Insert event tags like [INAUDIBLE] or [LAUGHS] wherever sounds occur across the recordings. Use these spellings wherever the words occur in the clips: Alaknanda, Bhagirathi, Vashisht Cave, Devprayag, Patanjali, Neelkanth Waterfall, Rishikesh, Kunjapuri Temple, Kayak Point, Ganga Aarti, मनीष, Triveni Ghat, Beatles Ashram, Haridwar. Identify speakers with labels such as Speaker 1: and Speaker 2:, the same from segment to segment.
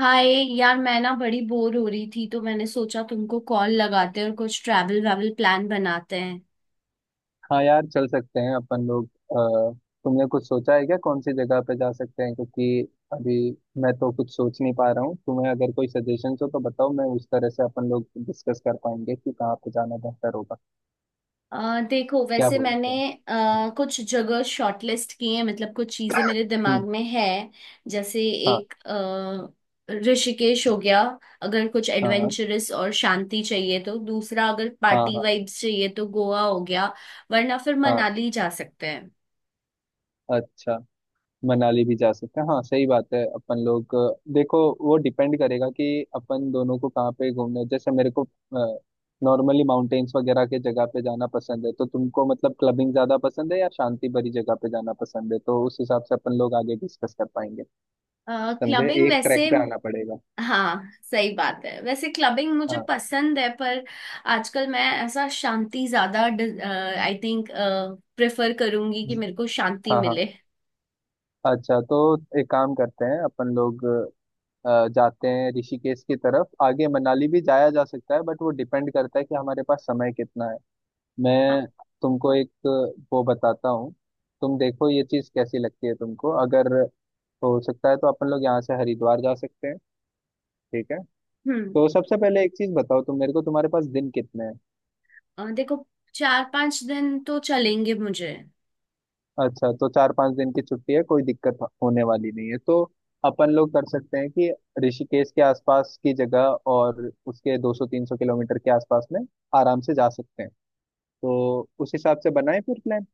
Speaker 1: हाय। यार मैं ना बड़ी बोर हो रही थी तो मैंने सोचा तुमको कॉल लगाते हैं और कुछ ट्रैवल वैवल प्लान बनाते हैं।
Speaker 2: हाँ यार, चल सकते हैं अपन लोग। तुमने कुछ सोचा है क्या, कौन सी जगह पे जा सकते हैं? क्योंकि अभी मैं तो कुछ सोच नहीं पा रहा हूँ। तुम्हें अगर कोई सजेशन हो तो बताओ, मैं उस तरह से अपन लोग डिस्कस कर पाएंगे कि कहाँ पे जाना बेहतर होगा।
Speaker 1: देखो,
Speaker 2: क्या
Speaker 1: वैसे मैंने
Speaker 2: बोलते हैं?
Speaker 1: कुछ जगह शॉर्टलिस्ट किए हैं, मतलब कुछ चीजें मेरे दिमाग
Speaker 2: हम्म।
Speaker 1: में है। जैसे,
Speaker 2: हाँ
Speaker 1: एक ऋषिकेश हो गया। अगर कुछ
Speaker 2: हाँ हाँ।
Speaker 1: एडवेंचरस और शांति चाहिए तो। दूसरा, अगर
Speaker 2: हाँ
Speaker 1: पार्टी
Speaker 2: हाँ।
Speaker 1: वाइब्स चाहिए तो गोवा हो गया। वरना फिर
Speaker 2: हाँ,
Speaker 1: मनाली जा सकते हैं।
Speaker 2: अच्छा। मनाली भी जा सकते हैं, हाँ सही बात है। अपन लोग देखो, वो डिपेंड करेगा कि अपन दोनों को कहाँ पे घूमना है। जैसे मेरे को नॉर्मली माउंटेन्स वगैरह के जगह पे जाना पसंद है। तो तुमको मतलब क्लबिंग ज्यादा पसंद है या शांति भरी जगह पे जाना पसंद है, तो उस हिसाब से अपन लोग आगे डिस्कस कर पाएंगे। समझे,
Speaker 1: क्लबिंग
Speaker 2: एक
Speaker 1: वैसे।
Speaker 2: ट्रैक पे आना पड़ेगा।
Speaker 1: हाँ, सही बात है। वैसे क्लबिंग मुझे
Speaker 2: हाँ
Speaker 1: पसंद है, पर आजकल मैं ऐसा शांति ज्यादा, आई थिंक, प्रेफर करूंगी कि मेरे को शांति
Speaker 2: हाँ। हाँ।
Speaker 1: मिले।
Speaker 2: अच्छा, तो एक काम करते हैं अपन लोग। जाते हैं ऋषिकेश की तरफ, आगे मनाली भी जाया जा सकता है, बट वो डिपेंड करता है कि हमारे पास समय कितना है।
Speaker 1: हाँ।
Speaker 2: मैं तुमको एक वो बताता हूँ। तुम देखो ये चीज़ कैसी लगती है तुमको, अगर हो सकता है तो अपन लोग यहाँ से हरिद्वार जा सकते हैं, ठीक है?
Speaker 1: हम्म
Speaker 2: तो सबसे पहले एक चीज़ बताओ तुम मेरे को, तुम्हारे पास दिन कितने हैं?
Speaker 1: देखो, 4-5 दिन तो चलेंगे मुझे।
Speaker 2: अच्छा, तो 4-5 दिन की छुट्टी है, कोई दिक्कत होने वाली नहीं है। तो अपन लोग कर सकते हैं कि ऋषिकेश के आसपास की जगह और उसके 200-300 किलोमीटर के आसपास में आराम से जा सकते हैं। तो उस हिसाब से बनाए फिर प्लान।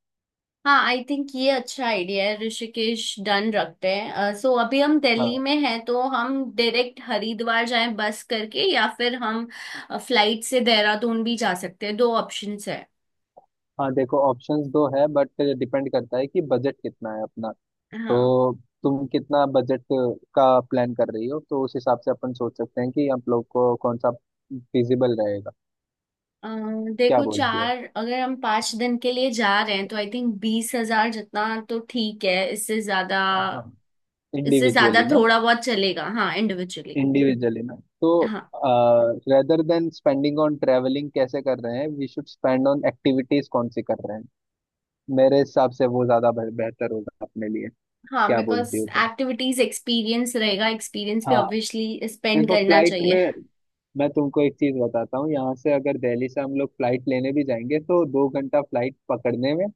Speaker 1: हाँ, आई थिंक ये अच्छा आइडिया है। ऋषिकेश डन रखते हैं। सो अभी हम दिल्ली
Speaker 2: हाँ
Speaker 1: में हैं, तो हम डायरेक्ट हरिद्वार जाएं बस करके, या फिर हम फ्लाइट से देहरादून भी जा सकते हैं। दो ऑप्शंस है।
Speaker 2: हाँ। देखो ऑप्शंस दो है, बट डिपेंड करता है कि बजट कितना है अपना।
Speaker 1: हाँ।
Speaker 2: तो तुम कितना बजट का प्लान कर रही हो, तो उस हिसाब से अपन सोच सकते हैं कि आप लोग को कौन सा फिजिबल रहेगा।
Speaker 1: अ,
Speaker 2: क्या
Speaker 1: देखो,
Speaker 2: बोलती हो?
Speaker 1: चार अगर हम 5 दिन के लिए जा रहे हैं तो आई थिंक 20,000 जितना। तो ठीक है।
Speaker 2: हाँ,
Speaker 1: इससे ज्यादा
Speaker 2: इंडिविजुअली ना।
Speaker 1: थोड़ा बहुत चलेगा। हाँ, इंडिविजुअली।
Speaker 2: इंडिविजुअली ना, तो
Speaker 1: हाँ,
Speaker 2: rather than spending on travelling कैसे कर रहे हैं, we should spend on activities कौन सी कर रहे हैं। मेरे हिसाब से वो ज्यादा बेहतर होगा अपने लिए।
Speaker 1: हाँ।
Speaker 2: क्या
Speaker 1: बिकॉज
Speaker 2: बोलती हो तुम?
Speaker 1: एक्टिविटीज एक्सपीरियंस रहेगा, एक्सपीरियंस भी
Speaker 2: हाँ
Speaker 1: ऑब्वियसली स्पेंड
Speaker 2: देखो,
Speaker 1: करना
Speaker 2: फ्लाइट
Speaker 1: चाहिए।
Speaker 2: में मैं तुमको एक चीज बताता हूँ। यहाँ से अगर दिल्ली से हम लोग फ्लाइट लेने भी जाएंगे, तो 2 घंटा फ्लाइट पकड़ने में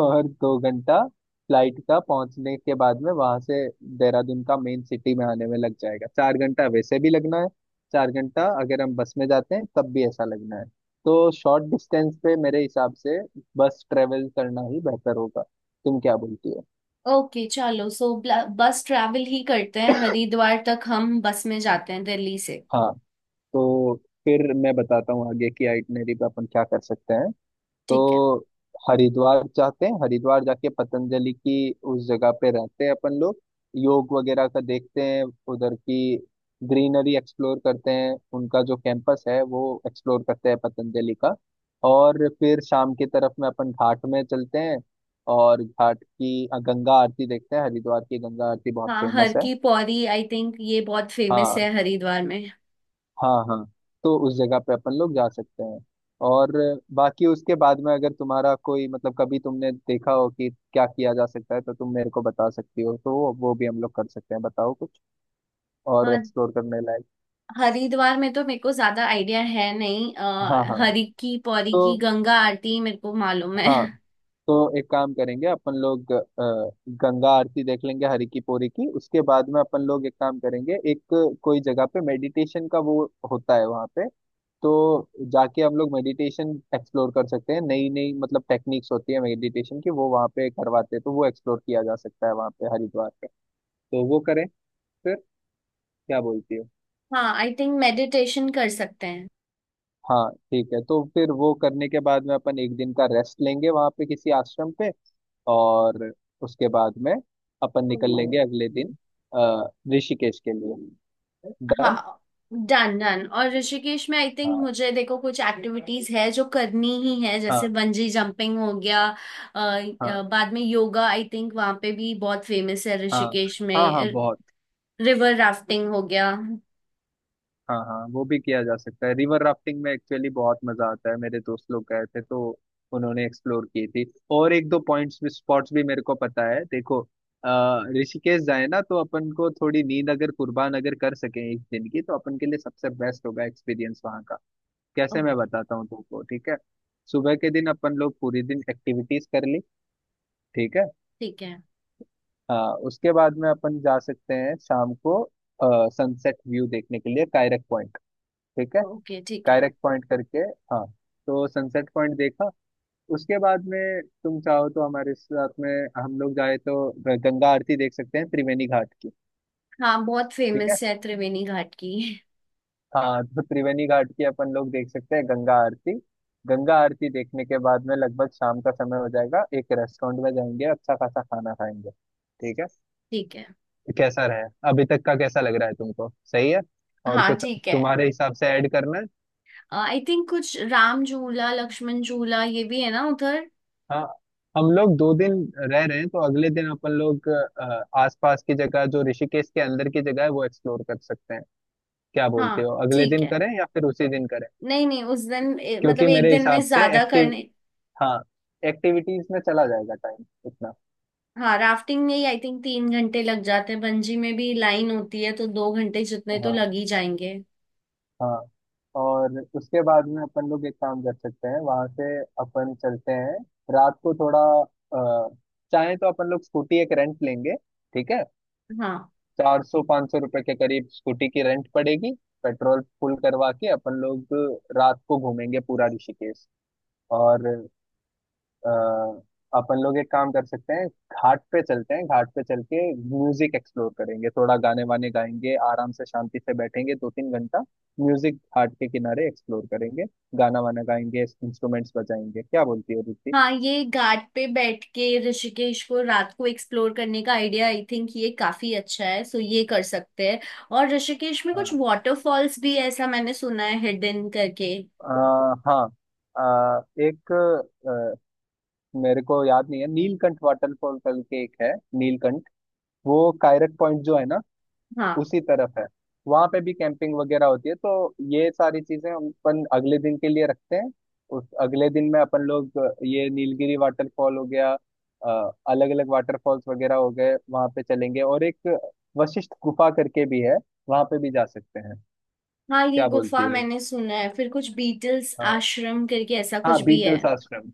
Speaker 2: और 2 घंटा फ्लाइट का, पहुंचने के बाद में वहां से देहरादून का मेन सिटी में आने में लग जाएगा। 4 घंटा वैसे भी लगना है। 4 घंटा अगर हम बस में जाते हैं तब भी ऐसा लगना है। तो शॉर्ट डिस्टेंस पे मेरे हिसाब से बस ट्रेवल करना ही बेहतर होगा। तुम क्या बोलती हो?
Speaker 1: ओके, चलो। सो बस ट्रैवल ही करते हैं, हरिद्वार तक हम बस में जाते हैं दिल्ली से।
Speaker 2: हाँ, तो फिर मैं बताता हूँ आगे की आइटनरी पे अपन क्या कर सकते हैं। तो
Speaker 1: ठीक है।
Speaker 2: हरिद्वार जाते हैं, हरिद्वार जाके पतंजलि की उस जगह पे रहते हैं अपन लोग, योग वगैरह का देखते हैं, उधर की ग्रीनरी एक्सप्लोर करते हैं, उनका जो कैंपस है वो एक्सप्लोर करते हैं पतंजलि का। और फिर शाम की तरफ में अपन घाट में चलते हैं और घाट की गंगा आरती देखते हैं। हरिद्वार की गंगा आरती बहुत
Speaker 1: हाँ,
Speaker 2: फेमस
Speaker 1: हर
Speaker 2: है।
Speaker 1: की पौड़ी, आई थिंक, ये बहुत फेमस
Speaker 2: हाँ
Speaker 1: है हरिद्वार में।
Speaker 2: हाँ। हाँ, तो उस जगह पे अपन लोग जा सकते हैं। और बाकी उसके बाद में अगर तुम्हारा कोई मतलब कभी तुमने देखा हो कि क्या किया जा सकता है, तो तुम मेरे को बता सकती हो, तो वो भी हम लोग कर सकते हैं। बताओ कुछ और एक्सप्लोर करने लायक।
Speaker 1: हरिद्वार में तो मेरे को ज्यादा आइडिया है नहीं।
Speaker 2: हाँ हाँ।
Speaker 1: हरि की पौरी की
Speaker 2: तो
Speaker 1: गंगा आरती मेरे को मालूम है।
Speaker 2: हाँ, तो एक काम करेंगे अपन लोग। गंगा आरती देख लेंगे हरि की पौड़ी की। उसके बाद में अपन लोग एक काम करेंगे, एक कोई जगह पे मेडिटेशन का वो होता है वहाँ पे, तो जाके हम लोग मेडिटेशन एक्सप्लोर कर सकते हैं। नई नई मतलब टेक्निक्स होती है मेडिटेशन की, वो वहाँ पे करवाते हैं, तो वो एक्सप्लोर किया जा सकता है वहाँ पे हरिद्वार पे। तो वो करें फिर, क्या बोलती हो?
Speaker 1: हाँ, आई थिंक मेडिटेशन कर सकते हैं।
Speaker 2: हाँ ठीक है, तो फिर वो करने के बाद में अपन एक दिन का रेस्ट लेंगे वहाँ पे किसी आश्रम पे। और उसके बाद में अपन निकल
Speaker 1: हम्म।
Speaker 2: लेंगे अगले दिन अ, ऋषिकेश के लिए। डन।
Speaker 1: हाँ, डन डन। और ऋषिकेश में आई थिंक
Speaker 2: हाँ
Speaker 1: मुझे देखो कुछ एक्टिविटीज है जो करनी ही है, जैसे
Speaker 2: हाँ।
Speaker 1: बंजी जंपिंग हो गया।
Speaker 2: हाँ
Speaker 1: बाद में योगा, आई थिंक, वहाँ पे भी बहुत फेमस है
Speaker 2: हाँ।
Speaker 1: ऋषिकेश
Speaker 2: हाँ हाँ
Speaker 1: में।
Speaker 2: बहुत।
Speaker 1: रिवर राफ्टिंग हो गया।
Speaker 2: हाँ हाँ, वो भी किया जा सकता है। रिवर राफ्टिंग में एक्चुअली बहुत मजा आता है, मेरे दोस्त लोग गए थे तो उन्होंने एक्सप्लोर की थी। और एक दो पॉइंट्स भी, स्पॉट्स भी मेरे को पता है। देखो, अ, ऋषिकेश जाए ना, तो अपन को थोड़ी नींद अगर कुर्बान अगर कर सकें एक दिन की, तो अपन के लिए सबसे बेस्ट होगा एक्सपीरियंस वहाँ का।
Speaker 1: ओ,
Speaker 2: कैसे, मैं बताता हूँ तुमको, ठीक है? सुबह के दिन अपन लोग पूरी दिन एक्टिविटीज कर ली, ठीक है।
Speaker 1: ठीक है।
Speaker 2: हाँ, उसके बाद में अपन जा सकते हैं शाम को सनसेट व्यू देखने के लिए कायरक पॉइंट, ठीक है।
Speaker 1: ओके, ठीक है।
Speaker 2: कायरक पॉइंट करके हाँ, तो सनसेट पॉइंट देखा। उसके बाद में तुम चाहो तो हमारे साथ में हम लोग जाए, तो गंगा आरती देख सकते हैं त्रिवेणी घाट की,
Speaker 1: हाँ, बहुत
Speaker 2: ठीक है।
Speaker 1: फेमस है त्रिवेणी घाट की।
Speaker 2: हाँ, तो त्रिवेणी घाट की अपन लोग देख सकते हैं गंगा आरती। गंगा आरती देखने के बाद में लगभग शाम का समय हो जाएगा, एक रेस्टोरेंट में जाएंगे, अच्छा खासा खाना खाएंगे, ठीक है।
Speaker 1: ठीक है।
Speaker 2: तो कैसा रहे, अभी तक का कैसा लग रहा है तुमको, सही है? और
Speaker 1: हाँ,
Speaker 2: कुछ
Speaker 1: ठीक है।
Speaker 2: तुम्हारे हिसाब से ऐड करना है?
Speaker 1: आई थिंक कुछ राम झूला, लक्ष्मण झूला, ये भी है ना उधर।
Speaker 2: हाँ, हम लोग 2 दिन रह रहे हैं, तो अगले दिन अपन लोग आसपास की जगह, जो ऋषिकेश के अंदर की जगह है, वो एक्सप्लोर कर सकते हैं। क्या
Speaker 1: हाँ,
Speaker 2: बोलते हो, अगले
Speaker 1: ठीक
Speaker 2: दिन
Speaker 1: है।
Speaker 2: करें या फिर उसी दिन करें?
Speaker 1: नहीं नहीं, उस दिन
Speaker 2: क्योंकि
Speaker 1: मतलब एक
Speaker 2: मेरे
Speaker 1: दिन में
Speaker 2: हिसाब से
Speaker 1: ज्यादा
Speaker 2: एक्टिव,
Speaker 1: करने।
Speaker 2: हाँ, एक्टिविटीज में चला जाएगा टाइम इतना।
Speaker 1: हाँ, राफ्टिंग में ही आई थिंक 3 घंटे लग जाते हैं, बंजी में भी लाइन होती है तो 2 घंटे जितने
Speaker 2: हाँ
Speaker 1: तो लग
Speaker 2: हाँ।
Speaker 1: ही जाएंगे।
Speaker 2: हाँ, और उसके बाद में अपन लोग एक काम कर सकते हैं, वहां से अपन चलते हैं रात को थोड़ा, अ, चाहे तो अपन लोग स्कूटी एक रेंट लेंगे, ठीक है।
Speaker 1: हाँ,
Speaker 2: 400-500 रुपए के करीब स्कूटी की रेंट पड़ेगी। पेट्रोल फुल करवा के अपन लोग रात को घूमेंगे पूरा ऋषिकेश। और अ, अपन लोग एक काम कर सकते हैं, घाट पे चलते हैं। घाट पे चल के म्यूजिक एक्सप्लोर करेंगे, थोड़ा गाने वाने गाएंगे, आराम से शांति से बैठेंगे 2-3 घंटा। म्यूजिक घाट के किनारे एक्सप्लोर करेंगे, गाना वाना गाएंगे, इंस्ट्रूमेंट्स बजाएंगे। क्या बोलती है रुचि?
Speaker 1: हाँ। ये घाट पे बैठ के ऋषिकेश को रात को एक्सप्लोर करने का आइडिया, आई थिंक, ये काफी अच्छा है। सो ये कर सकते हैं। और ऋषिकेश में कुछ
Speaker 2: हाँ
Speaker 1: वाटरफॉल्स भी है, ऐसा मैंने सुना है, हिडन करके।
Speaker 2: हाँ एक मेरे को याद नहीं है, नीलकंठ वाटरफॉल कल के एक है। नीलकंठ, वो कायरक पॉइंट जो है ना
Speaker 1: हाँ,
Speaker 2: उसी तरफ है। वहां पे भी कैंपिंग वगैरह होती है, तो ये सारी चीजें हम अपन अगले दिन के लिए रखते हैं। उस अगले दिन में अपन लोग ये नीलगिरी वाटरफॉल हो गया, अलग अलग वाटरफॉल्स वगैरह हो गए, वहां पे चलेंगे। और एक वशिष्ठ गुफा करके भी है, वहां पे भी जा सकते हैं।
Speaker 1: हाँ। ये
Speaker 2: क्या बोलती
Speaker 1: गुफा
Speaker 2: हो?
Speaker 1: मैंने सुना है, फिर कुछ बीटल्स
Speaker 2: हाँ।
Speaker 1: आश्रम करके ऐसा कुछ
Speaker 2: हाँ
Speaker 1: भी है।
Speaker 2: बीटल्स आश्रम।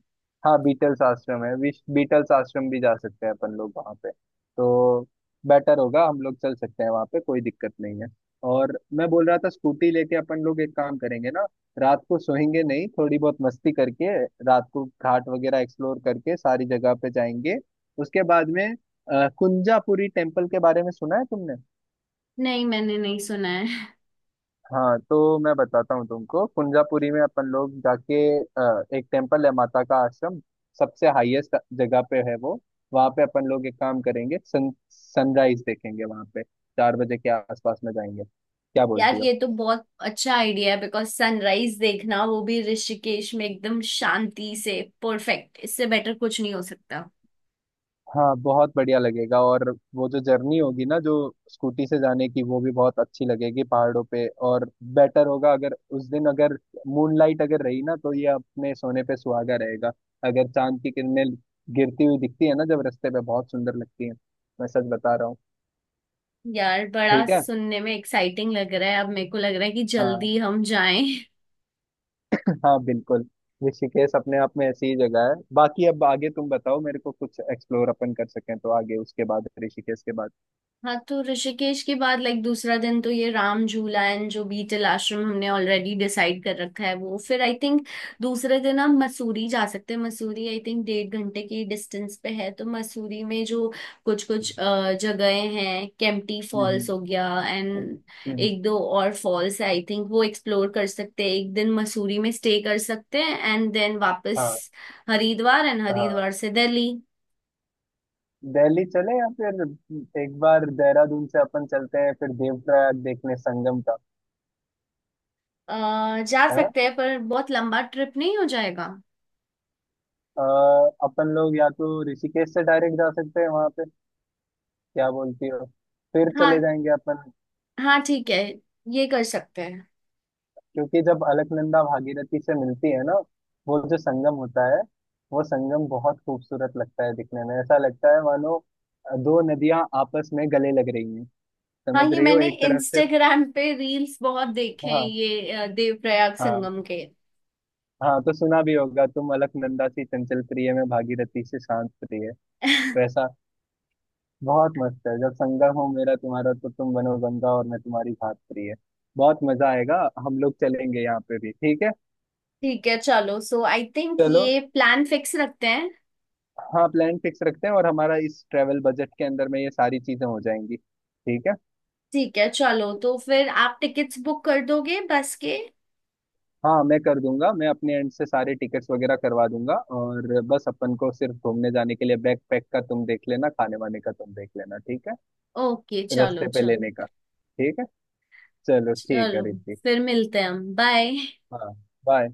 Speaker 2: हाँ बीटल्स आश्रम है, विश बीटल्स आश्रम भी जा सकते हैं अपन लोग वहाँ पे, तो बेटर होगा। हम लोग चल सकते हैं वहाँ पे, कोई दिक्कत नहीं है। और मैं बोल रहा था स्कूटी लेके अपन लोग एक काम करेंगे ना, रात को सोएंगे नहीं, थोड़ी बहुत मस्ती करके, रात को घाट वगैरह एक्सप्लोर करके सारी जगह पे जाएंगे। उसके बाद में कुंजापुरी टेम्पल के बारे में सुना है तुमने?
Speaker 1: नहीं, मैंने नहीं सुना है। [LAUGHS]
Speaker 2: हाँ, तो मैं बताता हूँ तुमको। कुंजापुरी में अपन लोग जाके एक टेम्पल है माता का आश्रम, सबसे हाईएस्ट जगह पे है वो। वहाँ पे अपन लोग एक काम करेंगे, सन सनराइज देखेंगे वहाँ पे, 4 बजे के आसपास में जाएंगे। क्या
Speaker 1: यार,
Speaker 2: बोलती हो?
Speaker 1: ये तो बहुत अच्छा आइडिया है, बिकॉज सनराइज देखना, वो भी ऋषिकेश में एकदम शांति से, परफेक्ट। इससे बेटर कुछ नहीं हो सकता।
Speaker 2: हाँ बहुत बढ़िया लगेगा। और वो जो जर्नी होगी ना जो स्कूटी से जाने की, वो भी बहुत अच्छी लगेगी पहाड़ों पे। और बेटर होगा अगर उस दिन अगर मूनलाइट अगर रही ना, तो ये अपने सोने पे सुहागा रहेगा। अगर चांद की किरणें गिरती हुई दिखती है ना जब रास्ते पे, बहुत सुंदर लगती है। मैं सच बता रहा हूँ।
Speaker 1: यार, बड़ा
Speaker 2: ठीक है।
Speaker 1: सुनने में एक्साइटिंग लग रहा है, अब मेरे को लग रहा है कि
Speaker 2: हाँ।
Speaker 1: जल्दी हम जाएं।
Speaker 2: [LAUGHS] हाँ बिल्कुल, ऋषिकेश अपने आप में ऐसी ही जगह है। बाकी अब आगे तुम बताओ मेरे को, कुछ एक्सप्लोर अपन कर सकें तो आगे, उसके बाद, ऋषिकेश के बाद।
Speaker 1: हाँ, तो ऋषिकेश के बाद, लाइक, दूसरा दिन तो ये राम झूला एंड जो बीटल आश्रम हमने ऑलरेडी डिसाइड कर रखा है वो, फिर आई थिंक दूसरे दिन हम मसूरी जा सकते हैं। मसूरी, आई थिंक, 1.5 घंटे की डिस्टेंस पे है, तो मसूरी में जो कुछ कुछ जगहें हैं, केम्प्टी
Speaker 2: हम्म। हम्म।
Speaker 1: फॉल्स हो गया, एंड
Speaker 2: हम्म। हम्म।
Speaker 1: एक दो और फॉल्स है, आई थिंक वो एक्सप्लोर कर सकते हैं। एक दिन मसूरी में स्टे कर सकते हैं, एंड देन वापस
Speaker 2: हाँ
Speaker 1: हरिद्वार, एंड
Speaker 2: हाँ,
Speaker 1: हरिद्वार से दिल्ली।
Speaker 2: दिल्ली चले या फिर एक बार देहरादून से अपन चलते हैं, फिर देवप्रयाग देखने संगम का,
Speaker 1: अ, जा
Speaker 2: है।
Speaker 1: सकते हैं, पर बहुत लंबा ट्रिप नहीं हो जाएगा।
Speaker 2: अपन लोग या तो ऋषिकेश से डायरेक्ट जा सकते हैं वहां पे, क्या बोलती हो? फिर चले
Speaker 1: हाँ।
Speaker 2: जाएंगे अपन।
Speaker 1: हाँ, ठीक है, ये कर सकते हैं।
Speaker 2: क्योंकि जब अलकनंदा भागीरथी से मिलती है ना, वो जो संगम होता है, वो संगम बहुत खूबसूरत लगता है दिखने में। ऐसा लगता है मानो दो नदियां आपस में गले लग रही हैं।
Speaker 1: हाँ,
Speaker 2: समझ
Speaker 1: ये
Speaker 2: रही हो,
Speaker 1: मैंने
Speaker 2: एक तरफ से?
Speaker 1: इंस्टाग्राम पे रील्स बहुत देखे हैं,
Speaker 2: हाँ
Speaker 1: ये देवप्रयाग
Speaker 2: हाँ।
Speaker 1: संगम के।
Speaker 2: हाँ, तो सुना भी होगा तुम, अलकनंदा सी चंचल प्रिय में भागीरथी से शांत प्रिय,
Speaker 1: [LAUGHS]
Speaker 2: वैसा। बहुत मस्त है जब संगम हो मेरा तुम्हारा, तो तुम बनो गंगा और मैं तुम्हारी घात प्रिय। बहुत मजा आएगा। हम लोग चलेंगे यहाँ पे भी, ठीक है।
Speaker 1: ठीक है, चलो। सो आई थिंक
Speaker 2: चलो,
Speaker 1: ये प्लान फिक्स रखते हैं।
Speaker 2: हाँ, प्लान फिक्स रखते हैं। और हमारा इस ट्रेवल बजट के अंदर में ये सारी चीजें हो जाएंगी, ठीक है।
Speaker 1: ठीक है, चलो। तो फिर आप टिकट्स बुक कर दोगे बस के।
Speaker 2: हाँ मैं कर दूंगा, मैं अपने एंड से सारे टिकट्स वगैरह करवा दूंगा। और बस अपन को सिर्फ घूमने जाने के लिए, बैग पैक का तुम देख लेना, खाने वाने का तुम देख लेना, ठीक है,
Speaker 1: ओके,
Speaker 2: रास्ते
Speaker 1: चलो
Speaker 2: पे
Speaker 1: चलो
Speaker 2: लेने का। ठीक है, चलो। ठीक है
Speaker 1: चलो।
Speaker 2: ऋतिक।
Speaker 1: फिर मिलते हैं हम। बाय।
Speaker 2: हाँ, बाय।